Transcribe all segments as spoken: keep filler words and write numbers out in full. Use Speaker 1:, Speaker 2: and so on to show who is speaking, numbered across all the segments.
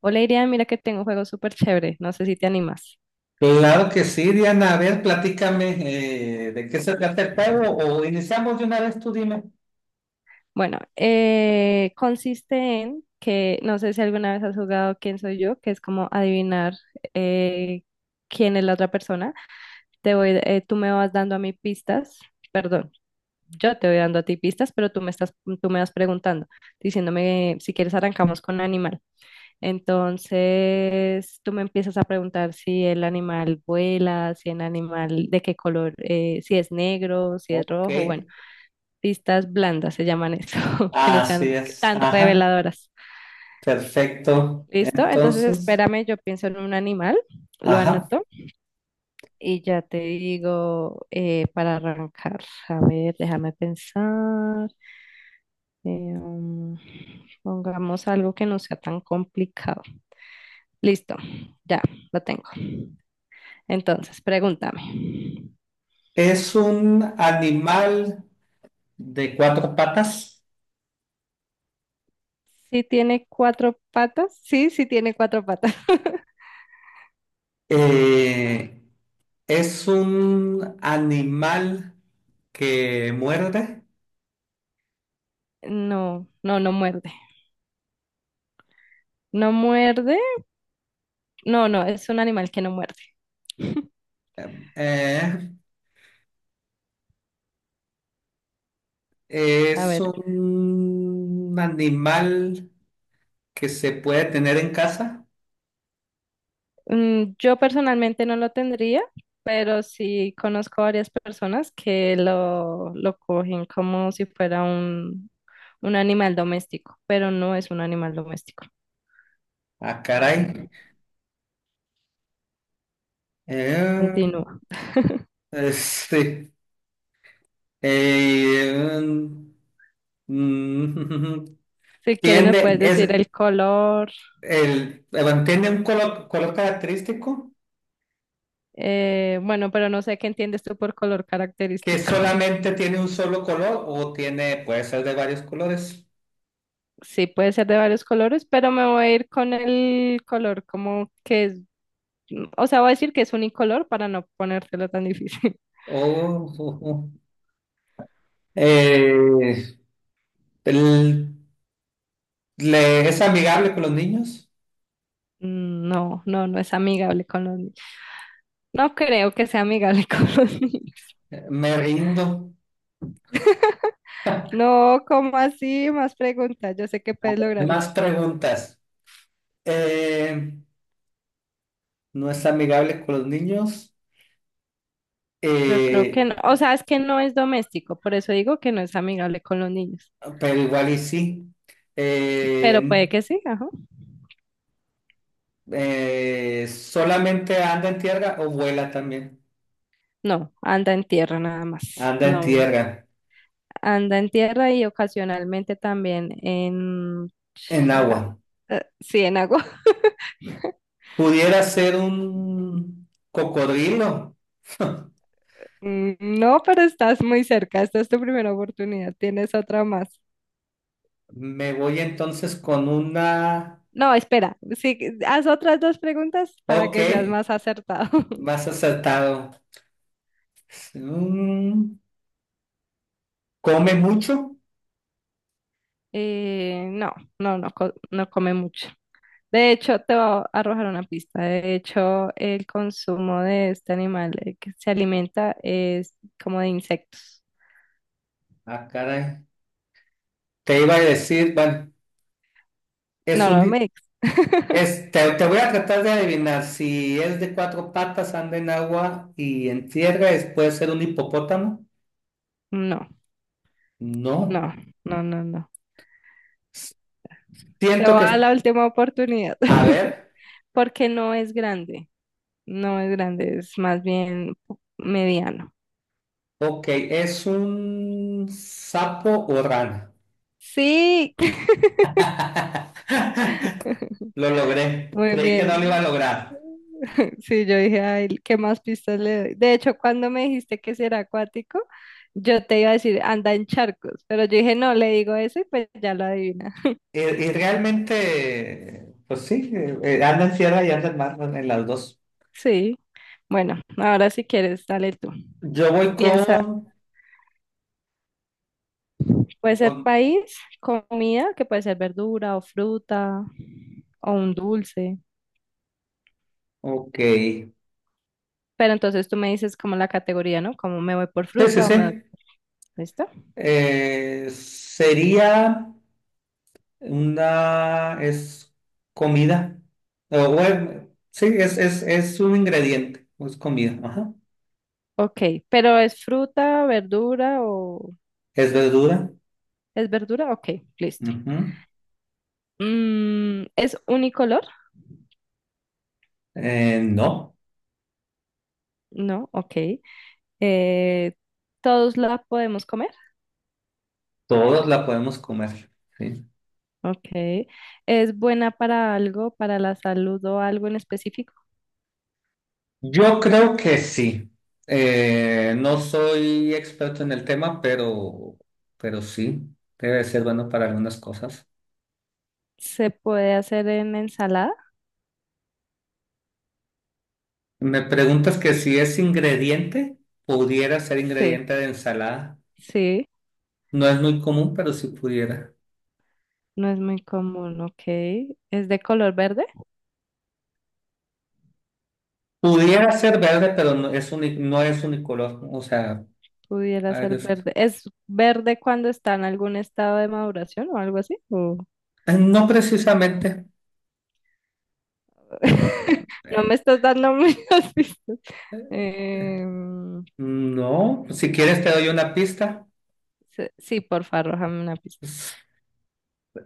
Speaker 1: Hola Irian, mira que tengo un juego súper chévere, no sé si te animas.
Speaker 2: Claro que sí, Diana. A ver, platícame eh, de qué se trata el juego o iniciamos de una vez, tú dime.
Speaker 1: Bueno, eh, consiste en que, no sé si alguna vez has jugado Quién soy yo, que es como adivinar eh, quién es la otra persona. Te voy, eh, tú me vas dando a mí pistas, perdón, yo te voy dando a ti pistas, pero tú me estás, tú me vas preguntando, diciéndome si quieres arrancamos con animal. Entonces, tú me empiezas a preguntar si el animal vuela, si el animal de qué color, eh, si es negro, si es
Speaker 2: Ok,
Speaker 1: rojo, bueno. Listas blandas se llaman eso, que no sean
Speaker 2: así es.
Speaker 1: tan
Speaker 2: Ajá,
Speaker 1: reveladoras.
Speaker 2: perfecto.
Speaker 1: ¿Listo? Entonces
Speaker 2: Entonces,
Speaker 1: espérame, yo pienso en un animal, lo
Speaker 2: ajá.
Speaker 1: anoto y ya te digo eh, para arrancar. A ver, déjame pensar. Eh, um, pongamos algo que no sea tan complicado. Listo, ya lo tengo. Entonces, pregúntame.
Speaker 2: Es un animal de cuatro patas.
Speaker 1: ¿Sí tiene cuatro patas? Sí, sí tiene cuatro patas.
Speaker 2: Eh, es un animal que muerde.
Speaker 1: No, no, no muerde. No muerde. No, no, es un animal que no muerde.
Speaker 2: Eh,
Speaker 1: A
Speaker 2: es
Speaker 1: ver,
Speaker 2: un animal que se puede tener en casa.
Speaker 1: mm, yo personalmente no lo tendría, pero sí conozco varias personas que lo, lo cogen como si fuera un, un animal doméstico, pero no es un animal doméstico.
Speaker 2: Ah, caray. Eh,
Speaker 1: Continúa.
Speaker 2: este, eh, mm,
Speaker 1: Si quieres me
Speaker 2: tiende,
Speaker 1: puedes decir
Speaker 2: es
Speaker 1: el color,
Speaker 2: el, eh, tiene un color, color característico
Speaker 1: eh, bueno, pero no sé qué entiendes tú por color
Speaker 2: que
Speaker 1: característico.
Speaker 2: solamente tiene un solo color o tiene, puede ser de varios colores.
Speaker 1: Sí, puede ser de varios colores, pero me voy a ir con el color como que es. O sea, voy a decir que es unicolor para no ponértelo tan difícil.
Speaker 2: Oh, oh, oh. Eh, el- le, ¿es amigable con los niños?
Speaker 1: No, no, no es amigable con los niños. No creo que sea amigable con los niños.
Speaker 2: Eh, Me rindo.
Speaker 1: No, ¿cómo así? Más preguntas. Yo sé que puedes lograrlo.
Speaker 2: Más preguntas. Eh, ¿No es amigable con los niños?
Speaker 1: Yo creo que
Speaker 2: Eh,
Speaker 1: no. O sea, es que no es doméstico. Por eso digo que no es amigable con los niños.
Speaker 2: Pero igual y sí.
Speaker 1: Pero
Speaker 2: Eh,
Speaker 1: puede que sí, ajá.
Speaker 2: eh, solamente anda en tierra o vuela también.
Speaker 1: No, anda en tierra nada más.
Speaker 2: Anda en
Speaker 1: No,
Speaker 2: tierra,
Speaker 1: anda en tierra y ocasionalmente también en...
Speaker 2: en agua.
Speaker 1: Sí, en agua.
Speaker 2: Pudiera ser un cocodrilo.
Speaker 1: Mm, no, pero estás muy cerca. Esta es tu primera oportunidad. Tienes otra más.
Speaker 2: Me voy entonces con una...
Speaker 1: No, espera. Sí, haz otras dos preguntas para
Speaker 2: Ok,
Speaker 1: que seas más acertado.
Speaker 2: más acertado. Mm, ¿come mucho?
Speaker 1: Eh, no, no, no, co- no come mucho. De hecho, te voy a arrojar una pista. De hecho, el consumo de este animal eh, que se alimenta es como de insectos.
Speaker 2: Ah, caray. Te iba a decir, bueno, es
Speaker 1: No,
Speaker 2: un,
Speaker 1: no
Speaker 2: di-
Speaker 1: me... ex.
Speaker 2: este, te voy a tratar de adivinar si es de cuatro patas, anda en agua y en tierra, es- puede ser un hipopótamo.
Speaker 1: No,
Speaker 2: No.
Speaker 1: no, no, no, no. Te
Speaker 2: Siento
Speaker 1: voy a
Speaker 2: que
Speaker 1: dar
Speaker 2: es-
Speaker 1: la última oportunidad
Speaker 2: A ver,
Speaker 1: porque no es grande. No es grande, es más bien mediano.
Speaker 2: ok, ¿es un sapo o rana?
Speaker 1: Sí,
Speaker 2: Lo logré.
Speaker 1: muy
Speaker 2: Creí que no lo iba a
Speaker 1: bien.
Speaker 2: lograr.
Speaker 1: Sí, yo dije, ay, ¿qué más pistas le doy? De hecho, cuando me dijiste que si era acuático, yo te iba a decir, anda en charcos, pero yo dije, no, le digo eso y pues ya lo adivina.
Speaker 2: Y, y realmente, pues sí, eh, eh, anda en tierra y anda en mar, en las dos.
Speaker 1: Sí, bueno, ahora si quieres, dale tú.
Speaker 2: Yo voy
Speaker 1: Piensa,
Speaker 2: con,
Speaker 1: puede ser
Speaker 2: con...
Speaker 1: país, comida, que puede ser verdura o fruta o un dulce,
Speaker 2: Ok. Sí,
Speaker 1: pero entonces tú me dices como la categoría, ¿no? Como me voy por
Speaker 2: sí,
Speaker 1: fruta o me voy,
Speaker 2: sí.
Speaker 1: ¿listo?
Speaker 2: Eh, sería una, es comida. O, bueno, sí, es, es, es un ingrediente, o es comida. Ajá.
Speaker 1: Ok, pero ¿es fruta, verdura o...
Speaker 2: Es verdura.
Speaker 1: ¿Es verdura? Ok, listo.
Speaker 2: Ujú.
Speaker 1: Mm, ¿es unicolor?
Speaker 2: Eh, no,
Speaker 1: No, ok. Eh, ¿todos la podemos comer?
Speaker 2: todos la podemos comer. Sí.
Speaker 1: Ok. ¿Es buena para algo, para la salud o algo en específico?
Speaker 2: Yo creo que sí. Eh, no soy experto en el tema, pero, pero sí, debe ser bueno para algunas cosas.
Speaker 1: ¿Se puede hacer en ensalada?
Speaker 2: Me preguntas que si es ingrediente, pudiera ser
Speaker 1: Sí,
Speaker 2: ingrediente de ensalada.
Speaker 1: sí.
Speaker 2: No es muy común, pero si pudiera.
Speaker 1: No es muy común, ok. ¿Es de color verde?
Speaker 2: Pudiera ser verde, pero no es uni- no es unicolor. O sea,
Speaker 1: Pudiera
Speaker 2: a ver,
Speaker 1: ser
Speaker 2: es-
Speaker 1: verde. ¿Es verde cuando está en algún estado de maduración o algo así? ¿O-
Speaker 2: eh, no precisamente.
Speaker 1: no me
Speaker 2: Eh,
Speaker 1: estás dando muchas pistas. Em,
Speaker 2: No, si quieres te doy una pista.
Speaker 1: se- sí, porfa, arrójame una pista.
Speaker 2: Es,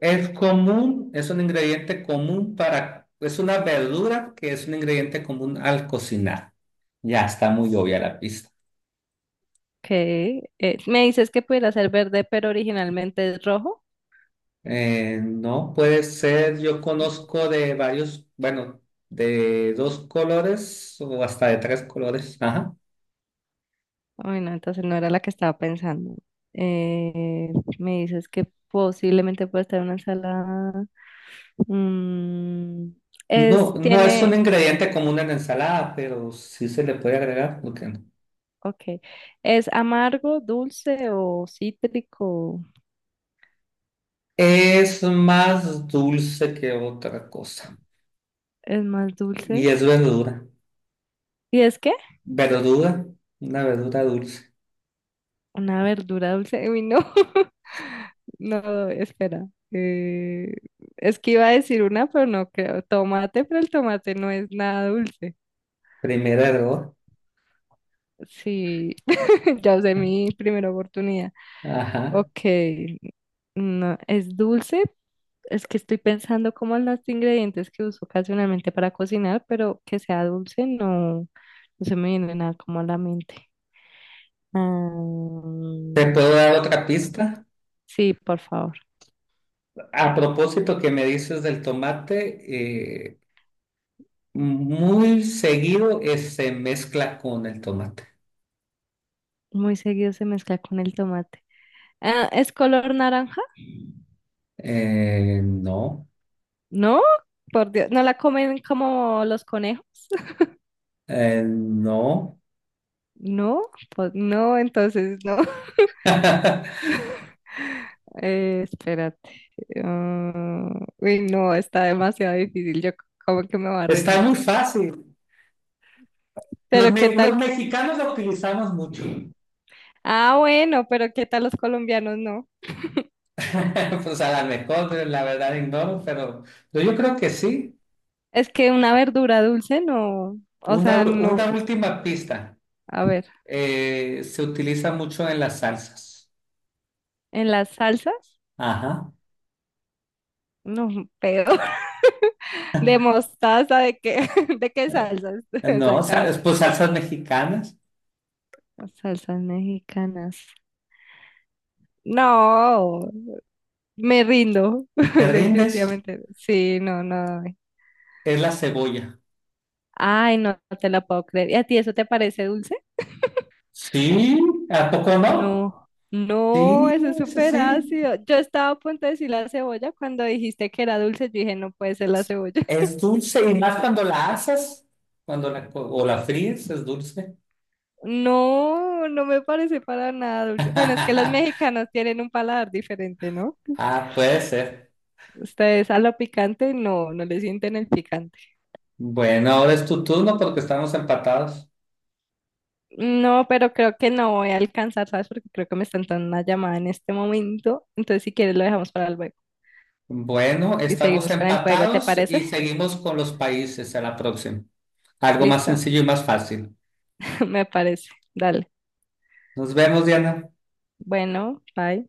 Speaker 2: es común, es un ingrediente común para, es una verdura que es un ingrediente común al cocinar. Ya está muy obvia la pista.
Speaker 1: Okay. Eh, me dices que pudiera ser verde, pero originalmente es rojo.
Speaker 2: Eh, no puede ser, yo conozco de varios, bueno, de dos colores o hasta de tres colores. Ajá.
Speaker 1: Bueno, entonces no era la que estaba pensando. Eh, me dices que posiblemente puede estar en una ensalada. Mm,
Speaker 2: No,
Speaker 1: es,
Speaker 2: no es un
Speaker 1: tiene.
Speaker 2: ingrediente común en la ensalada, pero sí se le puede agregar, ¿por qué no?
Speaker 1: Ok. ¿Es amargo, dulce o cítrico?
Speaker 2: Es más dulce que otra cosa.
Speaker 1: ¿Es más
Speaker 2: Y
Speaker 1: dulce?
Speaker 2: es verdura.
Speaker 1: ¿Y es qué?
Speaker 2: Verdura, una verdura dulce.
Speaker 1: ¿Una verdura dulce? Uy, no. No, espera. Eh, es que iba a decir una, pero no creo. Tomate, pero el tomate no es nada dulce.
Speaker 2: Primer error.
Speaker 1: Sí, ya usé mi primera oportunidad.
Speaker 2: Ajá.
Speaker 1: Ok. No, es dulce. Es que estoy pensando como en los ingredientes que uso ocasionalmente para cocinar, pero que sea dulce no, no se me viene nada como a la mente. Ah,
Speaker 2: ¿Te puedo dar otra pista?
Speaker 1: sí, por favor.
Speaker 2: A propósito que me dices del tomate, eh, muy seguido eh, se mezcla con el tomate.
Speaker 1: Muy seguido se mezcla con el tomate. Ah, ¿es color naranja?
Speaker 2: Eh, no,
Speaker 1: No, por Dios. ¿No la comen como los conejos?
Speaker 2: eh, no.
Speaker 1: No, pues no, entonces no. Eh, espérate. Ah, uy, no, está demasiado difícil. Yo como que me va a
Speaker 2: Está
Speaker 1: rendir.
Speaker 2: muy fácil. Los,
Speaker 1: Pero ¿qué
Speaker 2: me-
Speaker 1: tal?
Speaker 2: los mexicanos la utilizamos mucho.
Speaker 1: Ah, bueno, pero ¿qué tal los colombianos? No.
Speaker 2: Pues a lo mejor, la verdad ignoro, pero pero yo creo que sí.
Speaker 1: Es que una verdura dulce no, o
Speaker 2: Una,
Speaker 1: sea,
Speaker 2: u-
Speaker 1: no.
Speaker 2: una última pista.
Speaker 1: A ver,
Speaker 2: Eh, se utiliza mucho en las salsas.
Speaker 1: en las salsas,
Speaker 2: Ajá.
Speaker 1: no, peor. De mostaza, ¿de qué? ¿De qué salsas?
Speaker 2: No, sa-
Speaker 1: Exactamente.
Speaker 2: pues salsas mexicanas.
Speaker 1: Las Salsas mexicanas. No, me rindo,
Speaker 2: ¿Te rindes?
Speaker 1: definitivamente. Sí, no, no.
Speaker 2: Es la cebolla.
Speaker 1: Ay, no, no te la puedo creer. ¿Y a ti eso te parece dulce?
Speaker 2: Sí, ¿a poco no?
Speaker 1: No, no,
Speaker 2: Sí,
Speaker 1: eso es
Speaker 2: sí,
Speaker 1: súper
Speaker 2: sí.
Speaker 1: ácido. Yo estaba a punto de decir la cebolla cuando dijiste que era dulce. Yo dije, no puede ser la cebolla.
Speaker 2: Es dulce y más cuando la asas, cuando la, co- o la fríes, es dulce.
Speaker 1: No, no me parece para nada dulce. Bueno, es que los mexicanos tienen un paladar diferente, ¿no?
Speaker 2: Ah, puede ser.
Speaker 1: Ustedes a lo picante no, no le sienten el picante.
Speaker 2: Bueno, ahora es tu turno porque estamos empatados.
Speaker 1: No, pero creo que no voy a alcanzar, ¿sabes? Porque creo que me están dando una llamada en este momento. Entonces, si quieres, lo dejamos para luego
Speaker 2: Bueno,
Speaker 1: y
Speaker 2: estamos
Speaker 1: seguimos con el juego, ¿te
Speaker 2: empatados
Speaker 1: parece?
Speaker 2: y seguimos con los países a la próxima. Algo más
Speaker 1: Listo,
Speaker 2: sencillo y más fácil.
Speaker 1: me parece. Dale.
Speaker 2: Nos vemos, Diana.
Speaker 1: Bueno, bye.